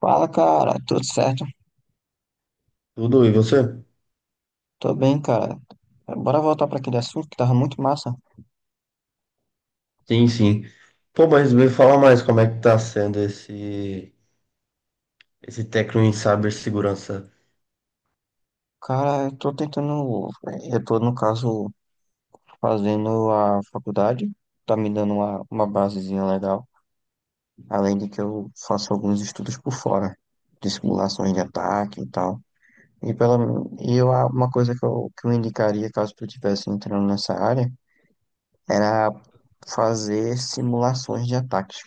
Fala, cara, tudo certo? Tudo, e você? Tô bem, cara. Bora voltar para aquele assunto que tava muito massa. Sim, sim. Pô, mas me fala mais como é que tá sendo esse técnico em cibersegurança. Cara, eu tô tentando, eu tô, no caso, fazendo a faculdade, tá me dando uma basezinha legal, além de que eu faço alguns estudos por fora, de simulações de Ah. ataque e tal. E, pela, uma coisa que eu indicaria, caso tu estivesse entrando nessa área, era fazer simulações de ataques,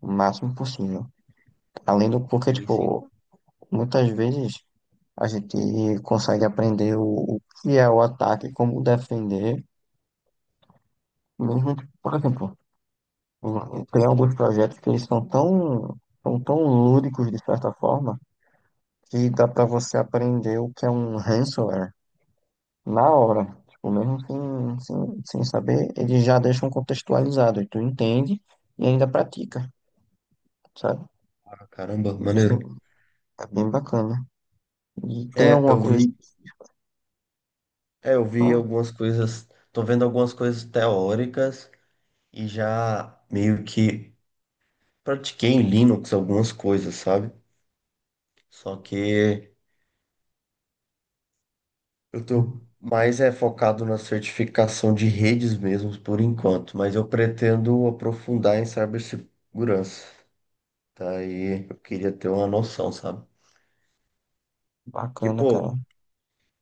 o máximo possível. Além do porque, Sim, sim. tipo, muitas vezes a gente consegue aprender o que é o ataque, como defender, mesmo, que, por exemplo, tem alguns projetos que eles são tão lúdicos, de certa forma, que dá para você aprender o que é um ransomware na hora. Tipo, mesmo sem saber, eles já deixam contextualizado, e tu entende e ainda pratica, sabe? Ah, caramba, Existe, maneiro. é bem bacana. E tem É, alguma eu coisa vi, específica? eu vi algumas coisas, tô vendo algumas coisas teóricas e já meio que pratiquei em Linux algumas coisas, sabe? Só que eu Hum. tô mais é focado na certificação de redes mesmo por enquanto, mas eu pretendo aprofundar em cibersegurança. Daí eu queria ter uma noção, sabe? Que, Bacana, cara. pô,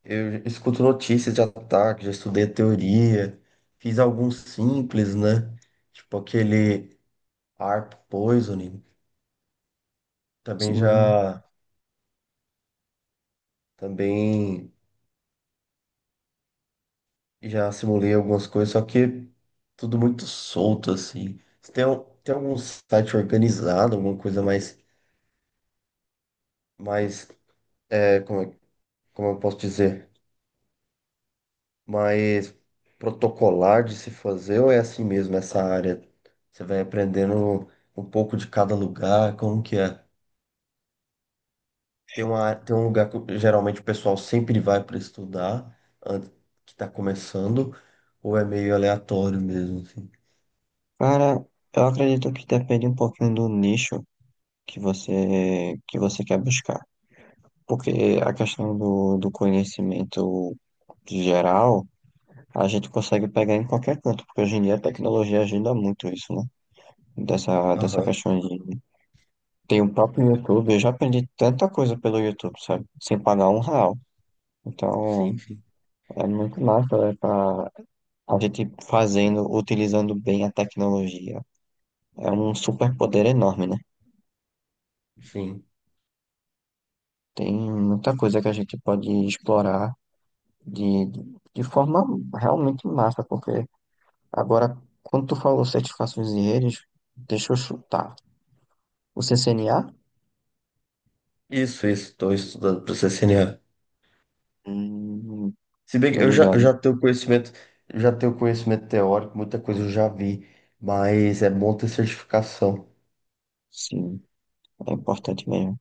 eu escuto notícias de ataque, já estudei teoria, fiz alguns simples, né? Tipo aquele ARP poisoning. Também Sim. já, também já simulei algumas coisas, só que tudo muito solto, assim. Se Tem, al- tem algum site organizado, alguma coisa mais, é, como, é- como eu posso dizer? Mais protocolar de se fazer ou é assim mesmo essa área? Você vai aprendendo um pouco de cada lugar, como que é? Tem um lugar que geralmente o pessoal sempre vai para estudar, antes que está começando, ou é meio aleatório mesmo, assim? Cara, eu acredito que depende um pouquinho do nicho que você quer buscar. Porque a questão do conhecimento geral, a gente consegue pegar em qualquer canto, porque hoje em dia a tecnologia ajuda muito isso, né? Dessa Aham. questão de... Tem o próprio YouTube, eu já aprendi tanta coisa pelo YouTube, sabe? Sem pagar um real. Então, Sim, sim, é muito massa, é pra a gente fazendo, utilizando bem a tecnologia. É um superpoder enorme, né? sim. Tem muita coisa que a gente pode explorar de, de forma realmente massa, porque agora, quando tu falou certificações e redes, deixa eu chutar. O CCNA? Isso, estou estudando para CCNA. Hum, Se bem que tô eu já, eu ligado. já tenho conhecimento, já tenho conhecimento teórico, muita coisa eu já vi, mas é bom ter certificação. Sim, é importante mesmo.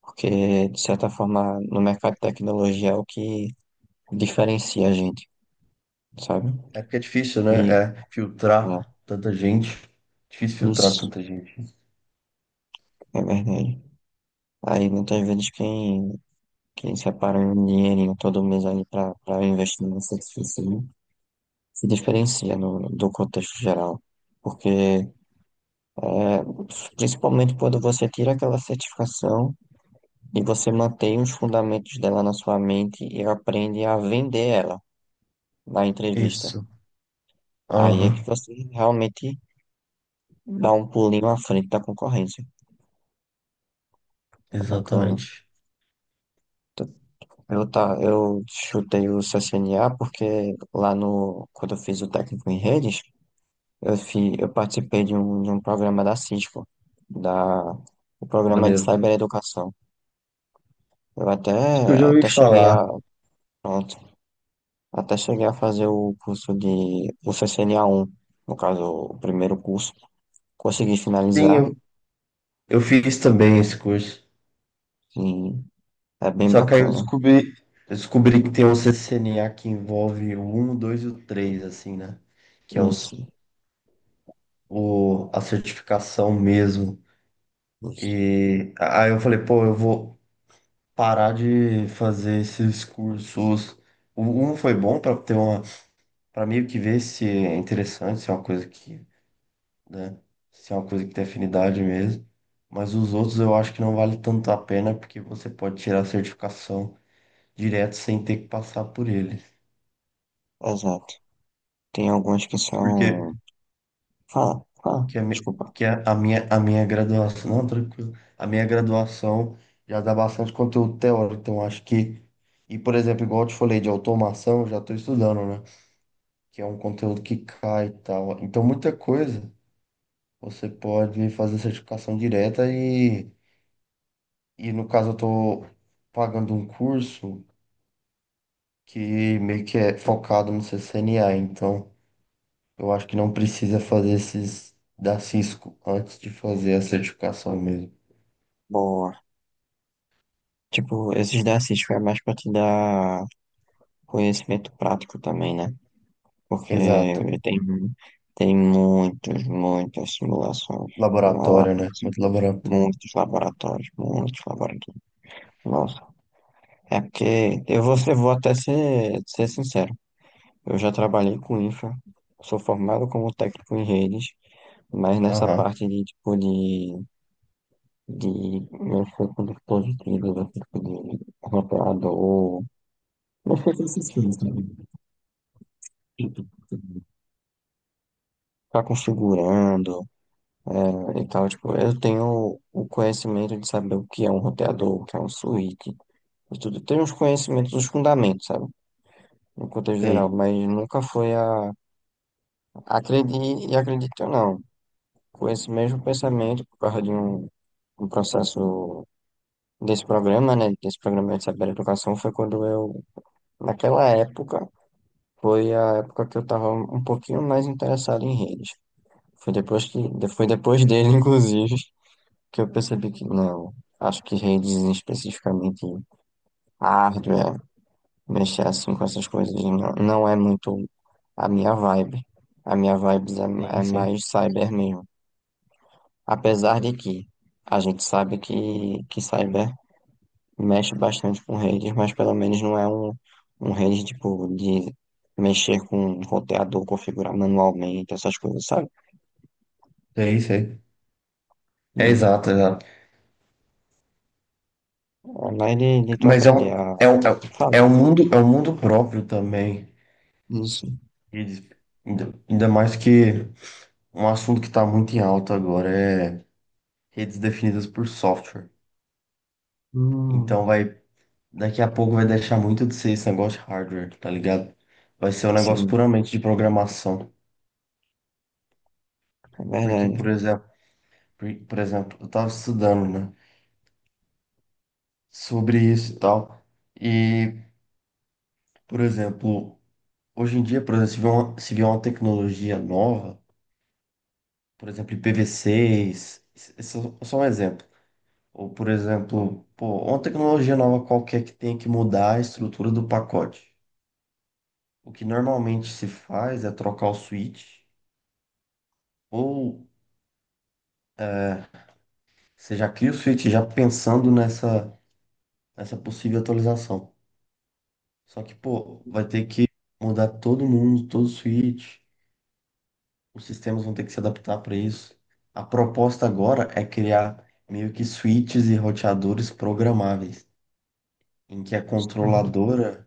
Porque, de certa forma, no mercado de tecnologia é o que diferencia a gente, sabe? É porque é difícil, né? E, É ó, filtrar tanta gente. Difícil filtrar isso tanta gente. é verdade. Aí, muitas vezes, quem separa um dinheirinho todo mês ali para investir nessa se diferencia no, do contexto geral, porque é, principalmente quando você tira aquela certificação e você mantém os fundamentos dela na sua mente e aprende a vender ela na entrevista. Isso. Aí é que Aham, você realmente dá um pulinho à frente da concorrência. É bacana. exatamente. T- Eu, tá, eu chutei o CCNA porque lá no, quando eu fiz o técnico em redes, eu, eu participei de um programa da Cisco, da, o programa de Maneiro. cibereducação. Eu até, Isso que eu já ouvi até cheguei falar. a, pronto, até cheguei a fazer o curso de, o ccna um no caso, o primeiro curso. Consegui Sim, finalizar eu, eu fiz também esse curso. e é bem Só que aí eu bacana. descobri, eu descobri que tem um CCNA que envolve o um, o 2 e o 3, assim, né? Que é Isso, a certificação mesmo. isso, E aí eu falei, pô, eu vou parar de fazer esses cursos. O um foi bom para ter uma para meio que ver se é interessante, se é uma coisa que, né, se é uma coisa que tem afinidade mesmo. Mas os outros eu acho que não vale tanto a pena porque você pode tirar a certificação direto sem ter que passar por eles. exato. Tem alguns que Porque são, fala, fala, que a, mi- desculpa. que a, a minha graduação, não, tranquilo. A minha graduação já dá bastante conteúdo teórico, então acho que, e, por exemplo, igual eu te falei de automação, eu já estou estudando, né? Que é um conteúdo que cai e tal. Então muita coisa você pode fazer certificação direta e no caso eu tô pagando um curso que meio que é focado no CCNA, então eu acho que não precisa fazer esses da Cisco antes de fazer a certificação mesmo. Boa. Tipo, esses da Cisco é mais pra te dar conhecimento prático também, né? Porque Exato. tem, tem muitos, muitas simulações lá, lá, Laboratório, né? Muito laboratório. muitos laboratórios, muitos laboratórios. Nossa, é porque eu vou, vou até ser sincero, eu já trabalhei com infra, sou formado como técnico em redes, mas nessa Aham, parte de tipo de mexer com dispositivos, mexer com de roteador, mexer com esses fios, sabe? Tipo, ficar configurando. É, e tal, tipo, eu tenho o conhecimento de saber o que é um roteador, o que é um switch, e tudo. Tenho os conhecimentos, os fundamentos, sabe? No contexto geral, sei. mas nunca foi a. Acredite e acredite ou não, com esse mesmo pensamento, por causa um processo desse programa, né? Desse programa de saber educação, foi quando eu, naquela época, foi a época que eu estava um pouquinho mais interessado em redes. Foi depois que, foi depois dele, inclusive. Que eu percebi que não. Acho que redes especificamente hardware, mexer assim com essas coisas não é muito a minha vibe. A minha vibe é, Sim, é sim. mais cyber mesmo. Apesar de que a gente sabe que cyber mexe bastante com redes, mas pelo menos não é um, um rede tipo de mexer com roteador, configurar manualmente, essas coisas, sabe? Sei, sei. É exato, exato. É mais de tu Mas aprender a falar. é um mundo próprio também. Isso. Redes. Ainda mais que um assunto que está muito em alta agora é redes definidas por software. Então Hum, daqui a pouco vai deixar muito de ser esse negócio de hardware, tá ligado? Vai ser um negócio sim. puramente de programação. É Porque, por verdade. exemplo, eu tava estudando, né, sobre isso e tal. E, por exemplo, hoje em dia, por exemplo, se vier uma tecnologia nova, por exemplo, IPv6, isso é só um exemplo. Ou, por exemplo, pô, uma tecnologia nova qualquer que tenha que mudar a estrutura do pacote. O que normalmente se faz é trocar o switch ou É, você já cria o switch já pensando nessa possível atualização. Só que, pô, vai ter que mudar todo mundo, todo o switch. Os sistemas vão ter que se adaptar para isso. A proposta agora é criar meio que switches e roteadores programáveis, em que a Hum, controladora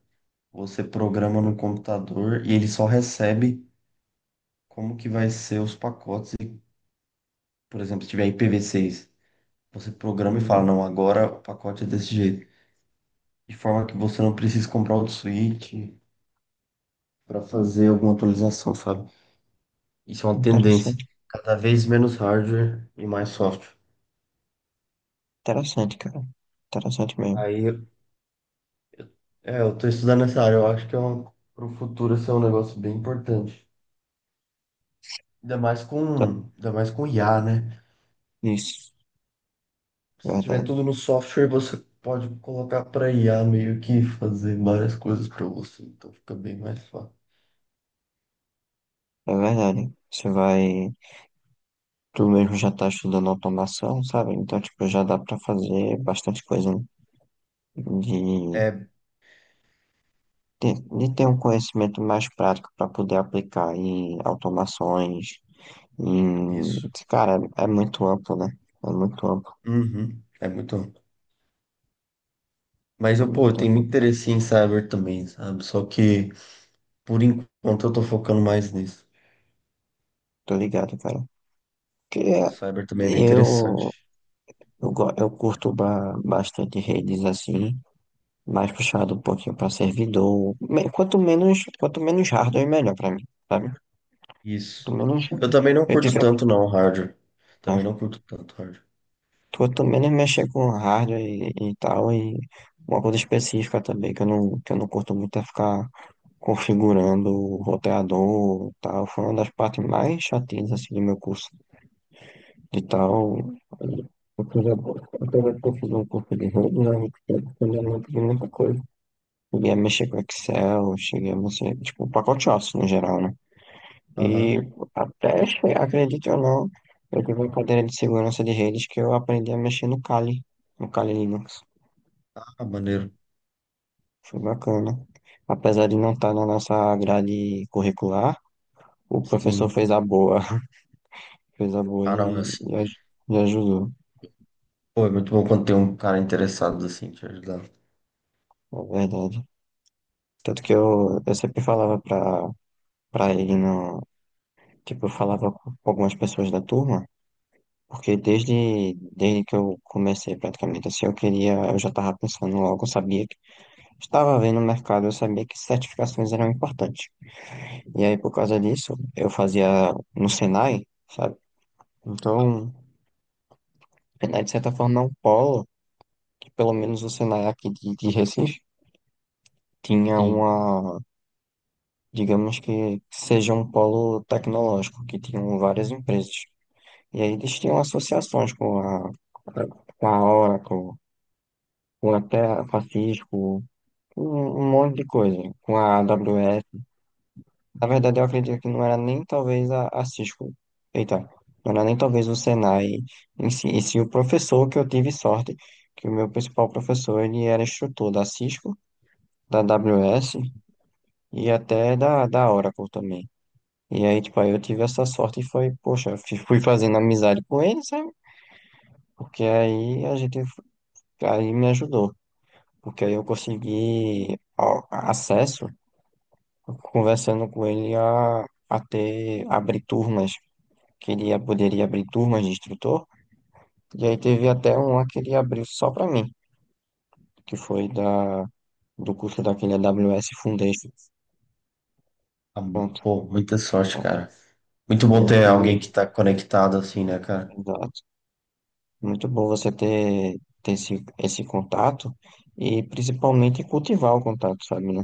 você programa no computador e ele só recebe como que vai ser os pacotes. E, por exemplo, se tiver IPv6, você programa e fala, hum. não, agora o pacote é desse jeito. De forma que você não precisa comprar outro switch para fazer alguma atualização, sabe? Isso é uma tendência. Interessante, Cada vez menos hardware e mais software. interessante, cara. Interessante mesmo. Aí, eu tô estudando essa área. Eu acho que pro futuro isso é um negócio bem importante. Ainda mais Tá- com, ainda mais com IA, né? Isso, Se tiver verdade. tudo no software, você pode colocar para IA meio que fazer várias coisas para você. Então fica bem mais fácil. É verdade. Você vai. Tu mesmo já tá estudando automação, sabe? Então, tipo, já dá pra fazer bastante coisa né? De, É de ter um conhecimento mais prático pra poder aplicar em automações. Em... isso. Cara, é é muito amplo, né? É muito amplo. Uhum. É muito. Mas É pô, eu muito tenho amplo. muito interesse em cyber também, sabe? Só que por enquanto eu tô focando mais nisso. Tô ligado, cara. Porque Cyber também é bem eu. interessante. Eu curto bastante redes assim, mais puxado um pouquinho para servidor. Quanto menos hardware, melhor para mim, sabe? Quanto Isso. menos Eu também não eu curto tiver, tanto não, hardware. Também né? não curto tanto hardware. Quanto menos mexer com hardware e tal, e uma coisa específica também, que eu não curto muito é ficar configurando o roteador e tal. Foi uma das partes mais chatinhas assim do meu curso de tal. Fiz um curso de rede, né? Eu não aprendi muita coisa. Cheguei a mexer com Excel, cheguei a mexer, tipo, pacoteaço no geral, né? Aham. E até, acredite ou não, eu tive uma cadeira de segurança de redes que eu aprendi a mexer no Kali, no Kali Linux. Ah, maneiro. Foi bacana. Apesar de não estar na nossa grade curricular, o professor Sim. fez a boa, fez a boa Ah, não, é assim. E ajudou, Pô, é muito bom quando tem um cara interessado assim te ajudar. é verdade. Tanto que eu sempre falava pra ele, no, tipo, eu falava com algumas pessoas da turma. Porque desde que eu comecei praticamente assim, eu queria, eu já estava pensando logo, eu sabia que estava vendo o mercado, eu sabia que certificações eram importantes. E aí, por causa disso, eu fazia no Senai, sabe? Então, o Senai, de certa forma, é um polo, que pelo menos o Senai aqui de Recife tinha Sim. uma, digamos que seja um polo tecnológico, que tinham várias empresas. E aí eles tinham associações com a Oracle, com até a Cisco um, um monte de coisa com a AWS. Na verdade, eu acredito que não era nem talvez a Cisco. Eita, não era nem talvez o Senai em si, e sim o professor que eu tive sorte, que o meu principal professor ele era instrutor da Cisco, da AWS e até da Oracle também. E aí, tipo, aí eu tive essa sorte e foi, poxa, fui fazendo amizade com ele, sabe? Porque aí a gente, aí me ajudou. Porque aí eu consegui ó, acesso conversando com ele a ter, abrir turmas, que ele poderia abrir turmas de instrutor, e aí teve até um lá que ele abriu só para mim, que foi da, do curso daquele AWS Foundation. Ah, Pronto. pô, muita sorte, Tá? cara. Muito bom Aí ter alguém que- que tá conectado assim, né, cara? Exato. Muito bom você ter, ter esse, esse contato e principalmente cultivar o contato, sabe, né?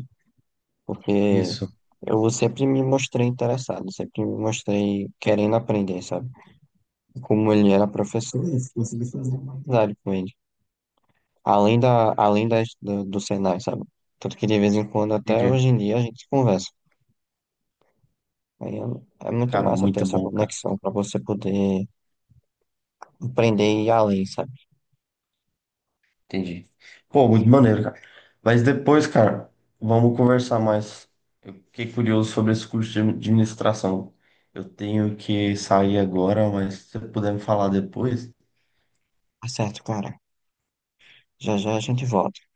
Porque Isso. eu sempre me mostrei interessado, sempre me mostrei querendo aprender, sabe? Como ele era professor, eu consegui fazer uma amizade com ele. Além da, além das, do, do Senai, sabe? Tanto que de vez em quando, até DJ. hoje em dia, a gente conversa. Aí é, é muito Cara, massa ter muito essa bom, cara. conexão para você poder aprender e ir além, sabe? Entendi. Pô, muito maneiro, cara. Mas depois, cara, vamos conversar mais. Eu fiquei curioso sobre esse curso de administração. Eu tenho que sair agora, mas se você puder me falar depois, Tá certo, cara. Já já a gente volta.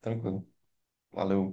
tranquilo. Valeu.